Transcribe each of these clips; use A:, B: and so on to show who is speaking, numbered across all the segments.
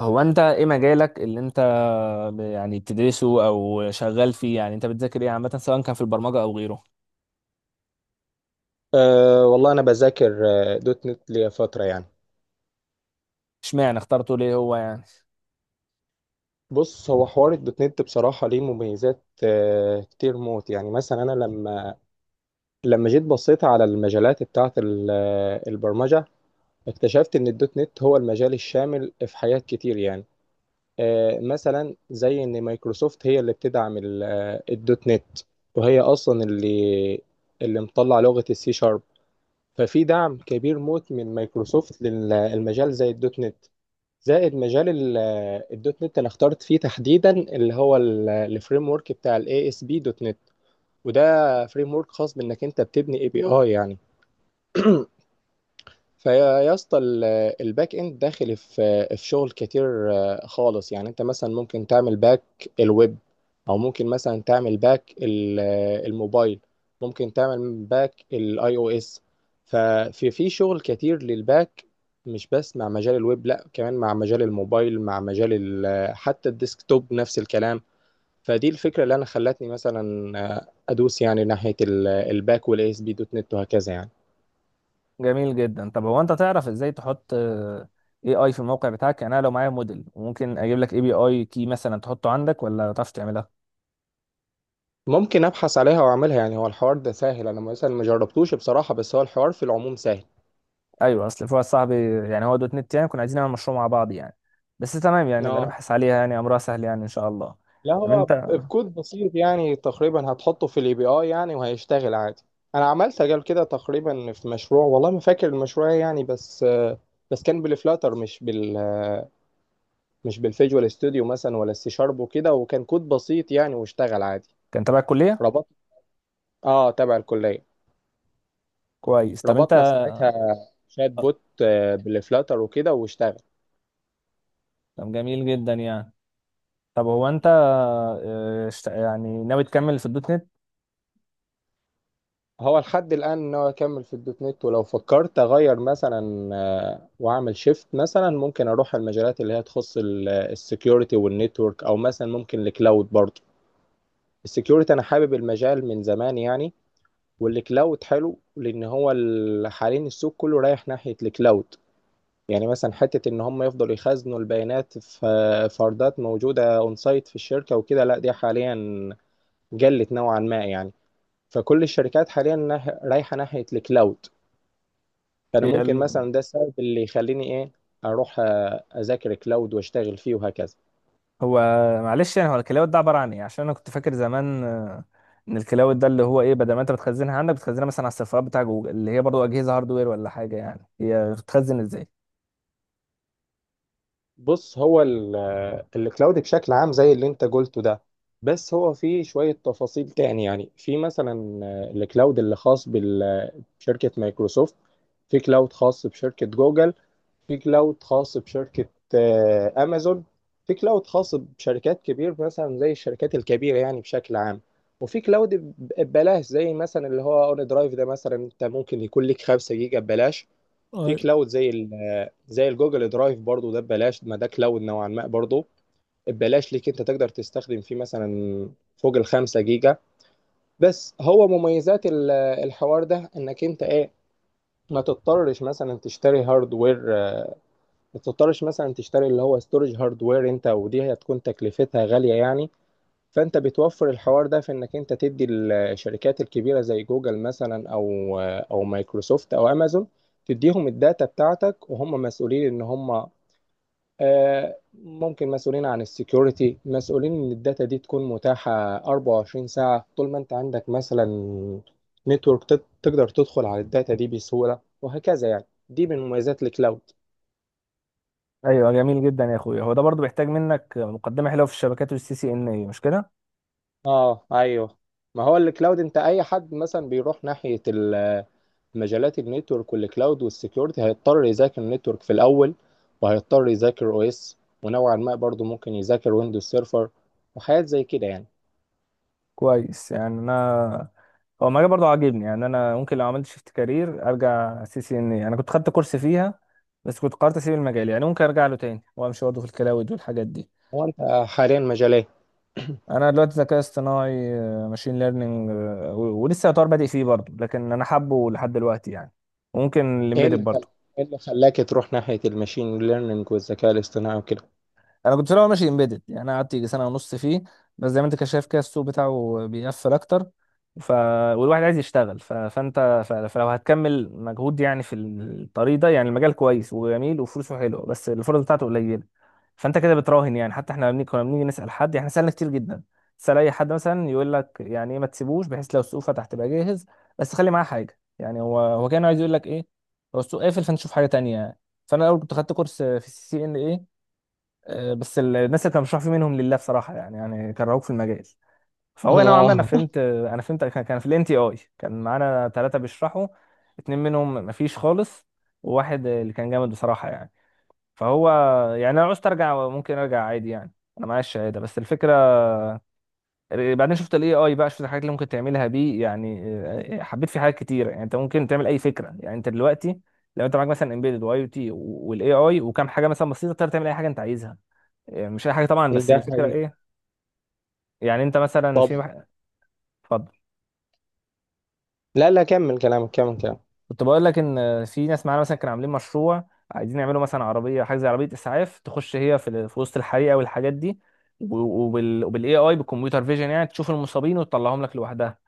A: هو انت ايه مجالك اللي انت يعني بتدرسه او شغال فيه؟ يعني انت بتذاكر ايه عامه، سواء كان في البرمجه او غيره؟
B: أه والله انا بذاكر دوت نت ليا فتره يعني.
A: اشمعنى اخترته، ليه هو يعني؟
B: بص، هو حوار الدوت نت بصراحه ليه مميزات كتير موت يعني. مثلا انا لما جيت بصيت على المجالات بتاعه البرمجه. اكتشفت ان الدوت نت هو المجال الشامل في حاجات كتير يعني. مثلا زي ان مايكروسوفت هي اللي بتدعم الدوت نت، وهي اصلا اللي مطلع لغه السي شارب. ففي دعم كبير موت من مايكروسوفت للمجال زي الدوت نت. زائد مجال الدوت نت انا اخترت فيه تحديدا اللي هو الفريم ورك بتاع الاي اس بي دوت نت، وده فريم ورك خاص بانك انت بتبني اي بي اي يعني. فيا يا اسطى الباك اند داخل في شغل كتير خالص يعني. انت مثلا ممكن تعمل باك الويب، او ممكن مثلا تعمل باك الموبايل، ممكن تعمل باك الاي او اس. ففي شغل كتير للباك، مش بس مع مجال الويب، لا كمان مع مجال الموبايل، مع مجال حتى الديسكتوب نفس الكلام. فدي الفكرة اللي انا خلتني مثلا ادوس يعني ناحية الباك والاي اس بي دوت نت وهكذا يعني.
A: جميل جدا. طب هو انت تعرف ازاي تحط اي اي في الموقع بتاعك؟ يعني انا لو معايا موديل وممكن اجيب لك اي بي اي كي مثلا تحطه عندك، ولا تعرف تعملها؟
B: ممكن ابحث عليها واعملها يعني، هو الحوار ده سهل، انا مثلا ما جربتوش بصراحة، بس هو الحوار في العموم سهل.
A: ايوه، اصل في واحد صاحبي، يعني هو دوت نت، يعني كنا عايزين نعمل مشروع مع بعض يعني. بس تمام، يعني نبقى
B: اه،
A: نبحث عليها، يعني امرها سهل يعني ان شاء الله.
B: لا
A: طب
B: هو
A: انت
B: بكود بسيط يعني، تقريبا هتحطه في الاي بي اي يعني وهيشتغل عادي. انا عملت قبل كده تقريبا في مشروع، والله ما فاكر المشروع إيه يعني، بس كان بالفلاتر، مش بالفيجوال ستوديو مثلا ولا السي شارب وكده، وكان كود بسيط يعني واشتغل عادي.
A: كان تبع الكليه؟
B: ربط اه، تبع الكلية.
A: كويس. طب انت.
B: ربطنا ساعتها شات بوت بالفلاتر وكده واشتغل.
A: طب جميل جدا يعني. طب هو انت يعني ناوي تكمل في الدوت نت؟
B: هو لحد الآن إن هو يكمل في الدوت نت، ولو فكرت أغير مثلا وأعمل شيفت، مثلا ممكن أروح على المجالات اللي هي تخص السكيورتي والنتورك، أو مثلا ممكن الكلاود برضه. السكيورتي أنا حابب المجال من زمان يعني. والكلاود حلو لأن حاليا السوق كله رايح ناحية الكلاود. يعني مثلا حتة إن هم يفضلوا يخزنوا البيانات في فردات موجودة أون سايت في الشركة وكده، لا دي حاليا قلت نوعا ما يعني. فكل الشركات حاليا رايحة ناحية الكلاود. فانا
A: هي
B: ممكن
A: ال-
B: مثلا ده السبب اللي يخليني ايه، اروح اذاكر كلاود واشتغل فيه وهكذا.
A: هو معلش، يعني هو الكلاود ده عباره عن ايه؟ عشان انا كنت فاكر زمان ان الكلاود ده اللي هو ايه، بدل ما انت بتخزنها عندك بتخزنها مثلا على السيرفرات بتاع جوجل، اللي هي برضو اجهزه هاردوير ولا حاجه. يعني هي بتخزن ازاي؟
B: بص، الكلاود بشكل عام زي اللي انت قلته ده، بس هو فيه شوية تفاصيل تاني يعني. في مثلا الكلاود اللي خاص بشركة مايكروسوفت، في كلاود خاص بشركة جوجل، في كلاود خاص بشركة أمازون، في كلاود خاص بشركات كبير مثلا زي الشركات الكبيرة يعني بشكل عام. وفي كلاود ببلاش زي مثلا اللي هو اون درايف، ده مثلا انت ممكن يكون لك 5 جيجا ببلاش. في
A: أيوة.
B: كلاود زي الجوجل درايف برضو، ده ببلاش، ما ده كلاود نوعا ما برضو، ببلاش ليك انت تقدر تستخدم فيه مثلا فوق ال5 جيجا. بس هو مميزات الحوار ده انك انت ايه، ما تضطرش مثلا تشتري هاردوير، ما تضطرش مثلا تشتري اللي هو ستورج هاردوير، انت ودي هتكون تكلفتها غالية يعني. فانت بتوفر الحوار ده في انك انت تدي الشركات الكبيره زي جوجل مثلا، او مايكروسوفت او امازون، تديهم الداتا بتاعتك وهم مسؤولين ان هم ممكن مسؤولين عن السكيورتي، مسؤولين ان الداتا دي تكون متاحه 24 ساعه، طول ما انت عندك مثلا نتورك تقدر تدخل على الداتا دي بسهوله وهكذا يعني، دي من مميزات الكلاود.
A: ايوه، جميل جدا يا اخويا. هو ده برضو بيحتاج منك مقدمه حلوه في الشبكات والسي سي ان اي، مش كده؟
B: اه، ايوه. ما هو الكلاود، انت اي حد مثلا بيروح ناحيه مجالات النتورك والكلاود والسكيورتي هيضطر يذاكر النتورك في الاول، وهيضطر يذاكر او اس، ونوعا ما برضه ممكن يذاكر ويندوز سيرفر وحاجات زي كده يعني.
A: كويس. يعني انا، هو المجال برضه عاجبني، يعني انا ممكن لو عملت شيفت كارير ارجع سي سي ان اي. انا كنت خدت كورس فيها بس كنت قررت اسيب المجال، يعني ممكن ارجع له تاني وامشي برضه في الكلاود والحاجات دي.
B: هو انت حاليا مجال ايه؟
A: انا دلوقتي ذكاء اصطناعي، ماشين ليرنينج، ولسه يعتبر بادئ فيه برضه، لكن انا حابه لحد دلوقتي يعني. وممكن
B: إيه
A: الامبيدد
B: اللي خل...
A: برضه.
B: ايه اللي خلاك تروح ناحية الماشين ليرنينج والذكاء الاصطناعي وكده؟
A: انا كنت في الاول ماشي امبيدد، يعني انا قعدت يجي سنة ونص فيه، بس زي ما انت كده شايف كده السوق بتاعه بيقفل اكتر. ف... والواحد عايز يشتغل. فلو هتكمل مجهود يعني في الطريق ده، يعني المجال كويس وجميل وفلوسه حلوه، بس الفرص بتاعته قليله. فانت كده بتراهن. يعني حتى احنا لما كنا بنيجي نسال حد، احنا سالنا كتير جدا. تسال اي حد مثلا يقول لك يعني ايه، ما تسيبوش بحيث لو السوق فتح تبقى جاهز، بس خلي معاه حاجه. يعني هو كان عايز يقول لك ايه، هو السوق قافل فانت شوف حاجه تانيه يعني. فانا الاول كنت خدت كورس في سي سي ان بس الناس اللي كانوا بيشرحوا فيه منهم لله بصراحه، يعني يعني كرهوك في المجال. فهو نوعا ما، انا
B: اه،
A: فهمت، كان في الان تي اي كان معانا 3 بيشرحوا، 2 منهم مفيش خالص، وواحد اللي كان جامد بصراحه يعني. فهو يعني انا لو عوزت ارجع ممكن ارجع عادي يعني، انا معايا الشهاده. بس الفكره، بعدين شفت الاي اي بقى، شفت الحاجات اللي ممكن تعملها بيه يعني. حبيت فيه حاجات كتيره. يعني انت ممكن تعمل اي فكره، يعني انت دلوقتي لو انت معاك مثلا امبيدد واي او تي والاي اي وكام حاجه مثلا بسيطه، تقدر تعمل اي حاجه انت عايزها. مش اي حاجه طبعا،
B: إيه
A: بس
B: ده
A: الفكره
B: حقيقي؟
A: ايه. يعني انت مثلا في اتفضل.
B: لا لا، كمل كلامك كمل كلامك.
A: كنت بقول لك ان في ناس معانا مثلا كانوا عاملين مشروع، عايزين يعملوا مثلا عربيه، حاجه زي عربيه اسعاف، تخش هي في, في وسط الحريقه والحاجات دي، و- وبال، وبالاي اي بالكمبيوتر فيجن، يعني تشوف المصابين وتطلعهم لك لوحدها،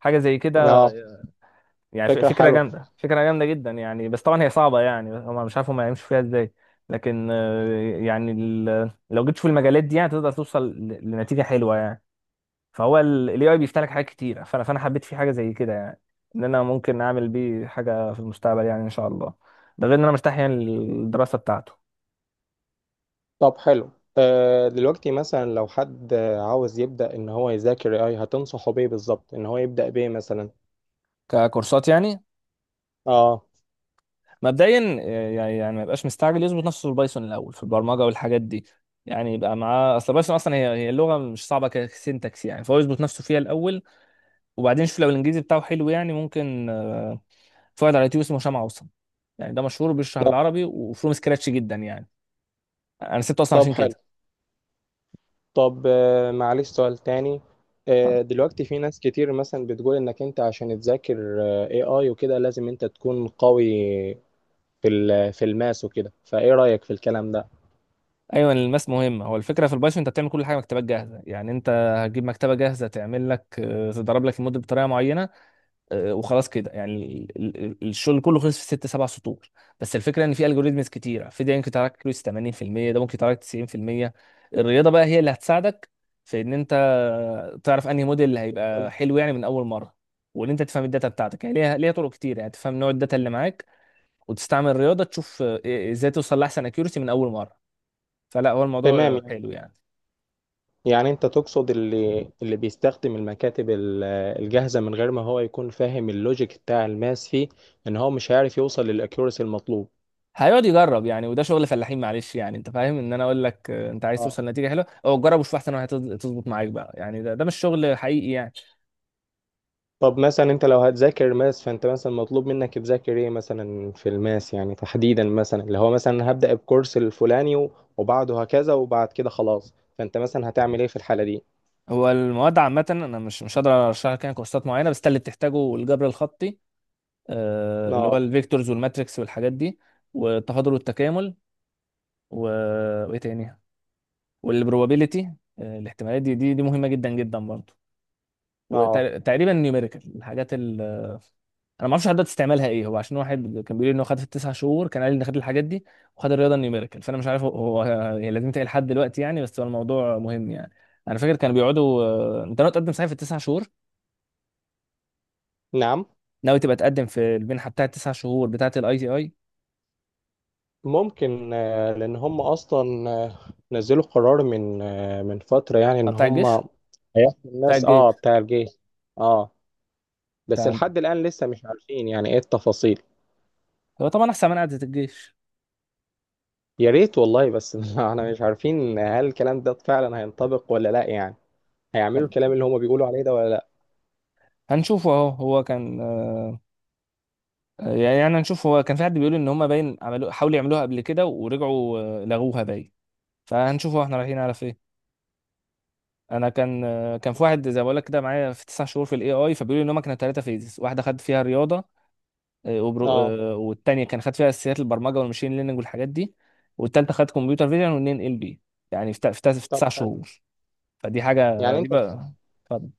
A: حاجه زي كده
B: اه،
A: يعني.
B: فكرة
A: فكره
B: حلوة.
A: جامده، فكره جامده جدا يعني. بس طبعا هي صعبه، يعني هم مش عارف هم هيمشوا فيها ازاي. لكن يعني لو جيت في المجالات دي يعني تقدر توصل لنتيجه حلوه يعني. فهو الاي اي بيفتح لك حاجات كتيره، فانا حبيت فيه حاجه زي كده، يعني ان انا ممكن اعمل بيه حاجه في المستقبل يعني ان شاء الله. ده غير ان انا مرتاح يعني للدراسه بتاعته.
B: طب حلو. دلوقتي مثلا لو حد عاوز يبدأ ان هو يذاكر اي، هتنصحه بيه بالظبط ان هو يبدأ بيه مثلا؟
A: ككورسات يعني؟
B: اه.
A: مبدئيا يعني يعني ما يبقاش مستعجل، يظبط نفسه في البايثون الاول، في البرمجه والحاجات دي. يعني يبقى معاه اصل. بايثون اصلا هي اللغه مش صعبه كسنتكس يعني، فهو يظبط نفسه فيها الاول. وبعدين شوف، لو الانجليزي بتاعه حلو يعني ممكن في واحد على اليوتيوب اسمه هشام عوصم، يعني ده مشهور بيشرح
B: آه،
A: بالعربي وفروم سكراتش جدا يعني. انا سبته اصلا
B: طب
A: عشان
B: حلو.
A: كده.
B: طب معلش سؤال تاني. دلوقتي في ناس كتير مثلا بتقول انك انت عشان تذاكر اي اي وكده لازم انت تكون قوي في الماس وكده، فايه رأيك في الكلام ده؟
A: ايوه، الماس مهم. هو الفكره في البايثون انت بتعمل كل حاجه مكتبات جاهزه. يعني انت هتجيب مكتبه جاهزه تعمل لك تضرب لك المود بطريقه معينه وخلاص كده يعني. الشغل كله خلص في 6 7 سطور. بس الفكره ان في الجوريزمز كتيره في ده، ممكن تراكلس 80%، ده ممكن تراكلس 90%. الرياضه بقى هي اللي هتساعدك، في ان انت تعرف انهي موديل اللي
B: طب،
A: هيبقى حلو يعني من اول مره، وان انت تفهم الداتا بتاعتك يعني. ليها طرق كتير يعني تفهم نوع الداتا اللي معاك، وتستعمل الرياضه تشوف آه، إيه، ازاي توصل لاحسن اكيورسي من اول مره. فلا، هو
B: تمام.
A: الموضوع
B: يعني
A: حلو يعني.
B: يعني انت تقصد اللي بيستخدم المكاتب الجاهزة من غير ما هو يكون فاهم اللوجيك بتاع الماس فيه، ان هو مش هيعرف يوصل للاكيورسي المطلوب؟
A: هيقعد يجرب، يعني وده شغل فلاحين معلش. يعني انت فاهم، ان انا اقول لك انت عايز توصل لنتيجه حلوه، او جرب وشوف احسن هتظبط معاك بقى، يعني ده مش شغل حقيقي يعني.
B: طب مثلا انت لو هتذاكر ماس، فانت مثلا مطلوب منك تذاكر ايه مثلا في الماس يعني، تحديدا مثلا اللي هو مثلا هبدأ بكورس الفلاني وبعده هكذا وبعد كده خلاص، فانت مثلا هتعمل ايه في الحالة دي؟
A: هو المواد عامه انا مش هقدر ارشح لك يعني كورسات معينه، بس ده اللي بتحتاجه: الجبر الخطي، اللي هو
B: اه.
A: الفيكتورز والماتريكس والحاجات دي، والتفاضل والتكامل، وايه تاني، والبروبابيلتي، الاحتمالات، دي مهمه جدا جدا برضه.
B: اه.
A: وتقريبا نيوميريكال الحاجات ال، انا ما اعرفش حضرتك تستعملها ايه. هو عشان واحد كان بيقول لي ان هو خد في التسع شهور، كان قال لي ان خد الحاجات دي وخد الرياضه النيوميريكال. فانا مش عارف هو يعني لازم تلاقي لحد دلوقتي يعني، بس هو الموضوع مهم يعني. انا فاكر كانوا بيقعدوا انت ناوي تقدم صحيح في ال9 شهور؟
B: نعم.
A: ناوي تبقى تقدم في المنحه بتاعه ال9 شهور بتاعه الاي تي اي؟
B: ممكن، لان هم اصلا نزلوا قرار من فترة يعني، ان
A: بتاع
B: هم
A: الجيش.
B: هيحكوا
A: بتاع
B: الناس. اه،
A: الجيش.
B: بتاع الجيش. اه، بس
A: بتاع،
B: لحد الآن لسه مش عارفين يعني ايه التفاصيل.
A: هو طبعا احسن من قعده الجيش.
B: يا ريت والله بس احنا مش عارفين هل الكلام ده فعلا هينطبق ولا لا يعني، هيعملوا الكلام اللي هما بيقولوا عليه ده ولا لا؟
A: هنشوفه اهو. هو كان يعني يعني هنشوف. هو كان في حد بيقول ان هم باين عملوا، حاولوا يعملوها قبل كده ورجعوا لغوها باين. فهنشوف احنا رايحين على فين. انا كان، كان في واحد زي ما بقول لك كده معايا في 9 شهور في الاي اي، فبيقولوا ان هم كانوا 3 فيزز، واحده خد فيها رياضه آه، وبرو...
B: اه،
A: آه، والتانيه كان خد فيها اساسيات البرمجه والماشين ليرنينج والحاجات دي، والتالته خد كمبيوتر فيجن والنين ال بي. يعني في, في
B: طب
A: تسع
B: حلو.
A: شهور فدي حاجه
B: يعني
A: دي
B: انت
A: بقى. اتفضل.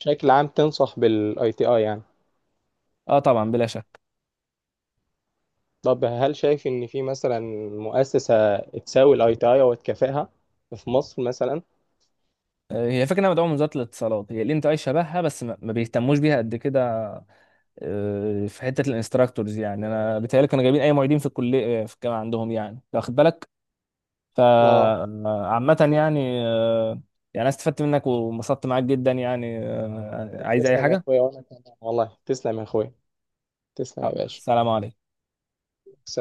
B: بشكل عام تنصح بالاي تي اي يعني؟
A: اه طبعا، بلا شك.
B: طب هل شايف ان في مثلا مؤسسة تساوي الاي تي اي او تكافئها في مصر مثلا؟
A: هي فكره انها مدعومه من وزاره الاتصالات، هي الانت اي شبهها، بس ما بيهتموش بيها قد كده. في حته الانستراكتورز، يعني انا بيتهيألي كانوا جايبين اي معيدين في الكليه، في الجامعه عندهم يعني، واخد بالك.
B: اه،
A: فعامة يعني يعني أنا استفدت منك وانبسطت معاك جدا يعني. عايز أي
B: تسلم يا
A: حاجة؟
B: اخويا. وانا كمان والله. تسلم يا اخويا. تسلم يا باشا.
A: سلام عليكم.
B: سلام.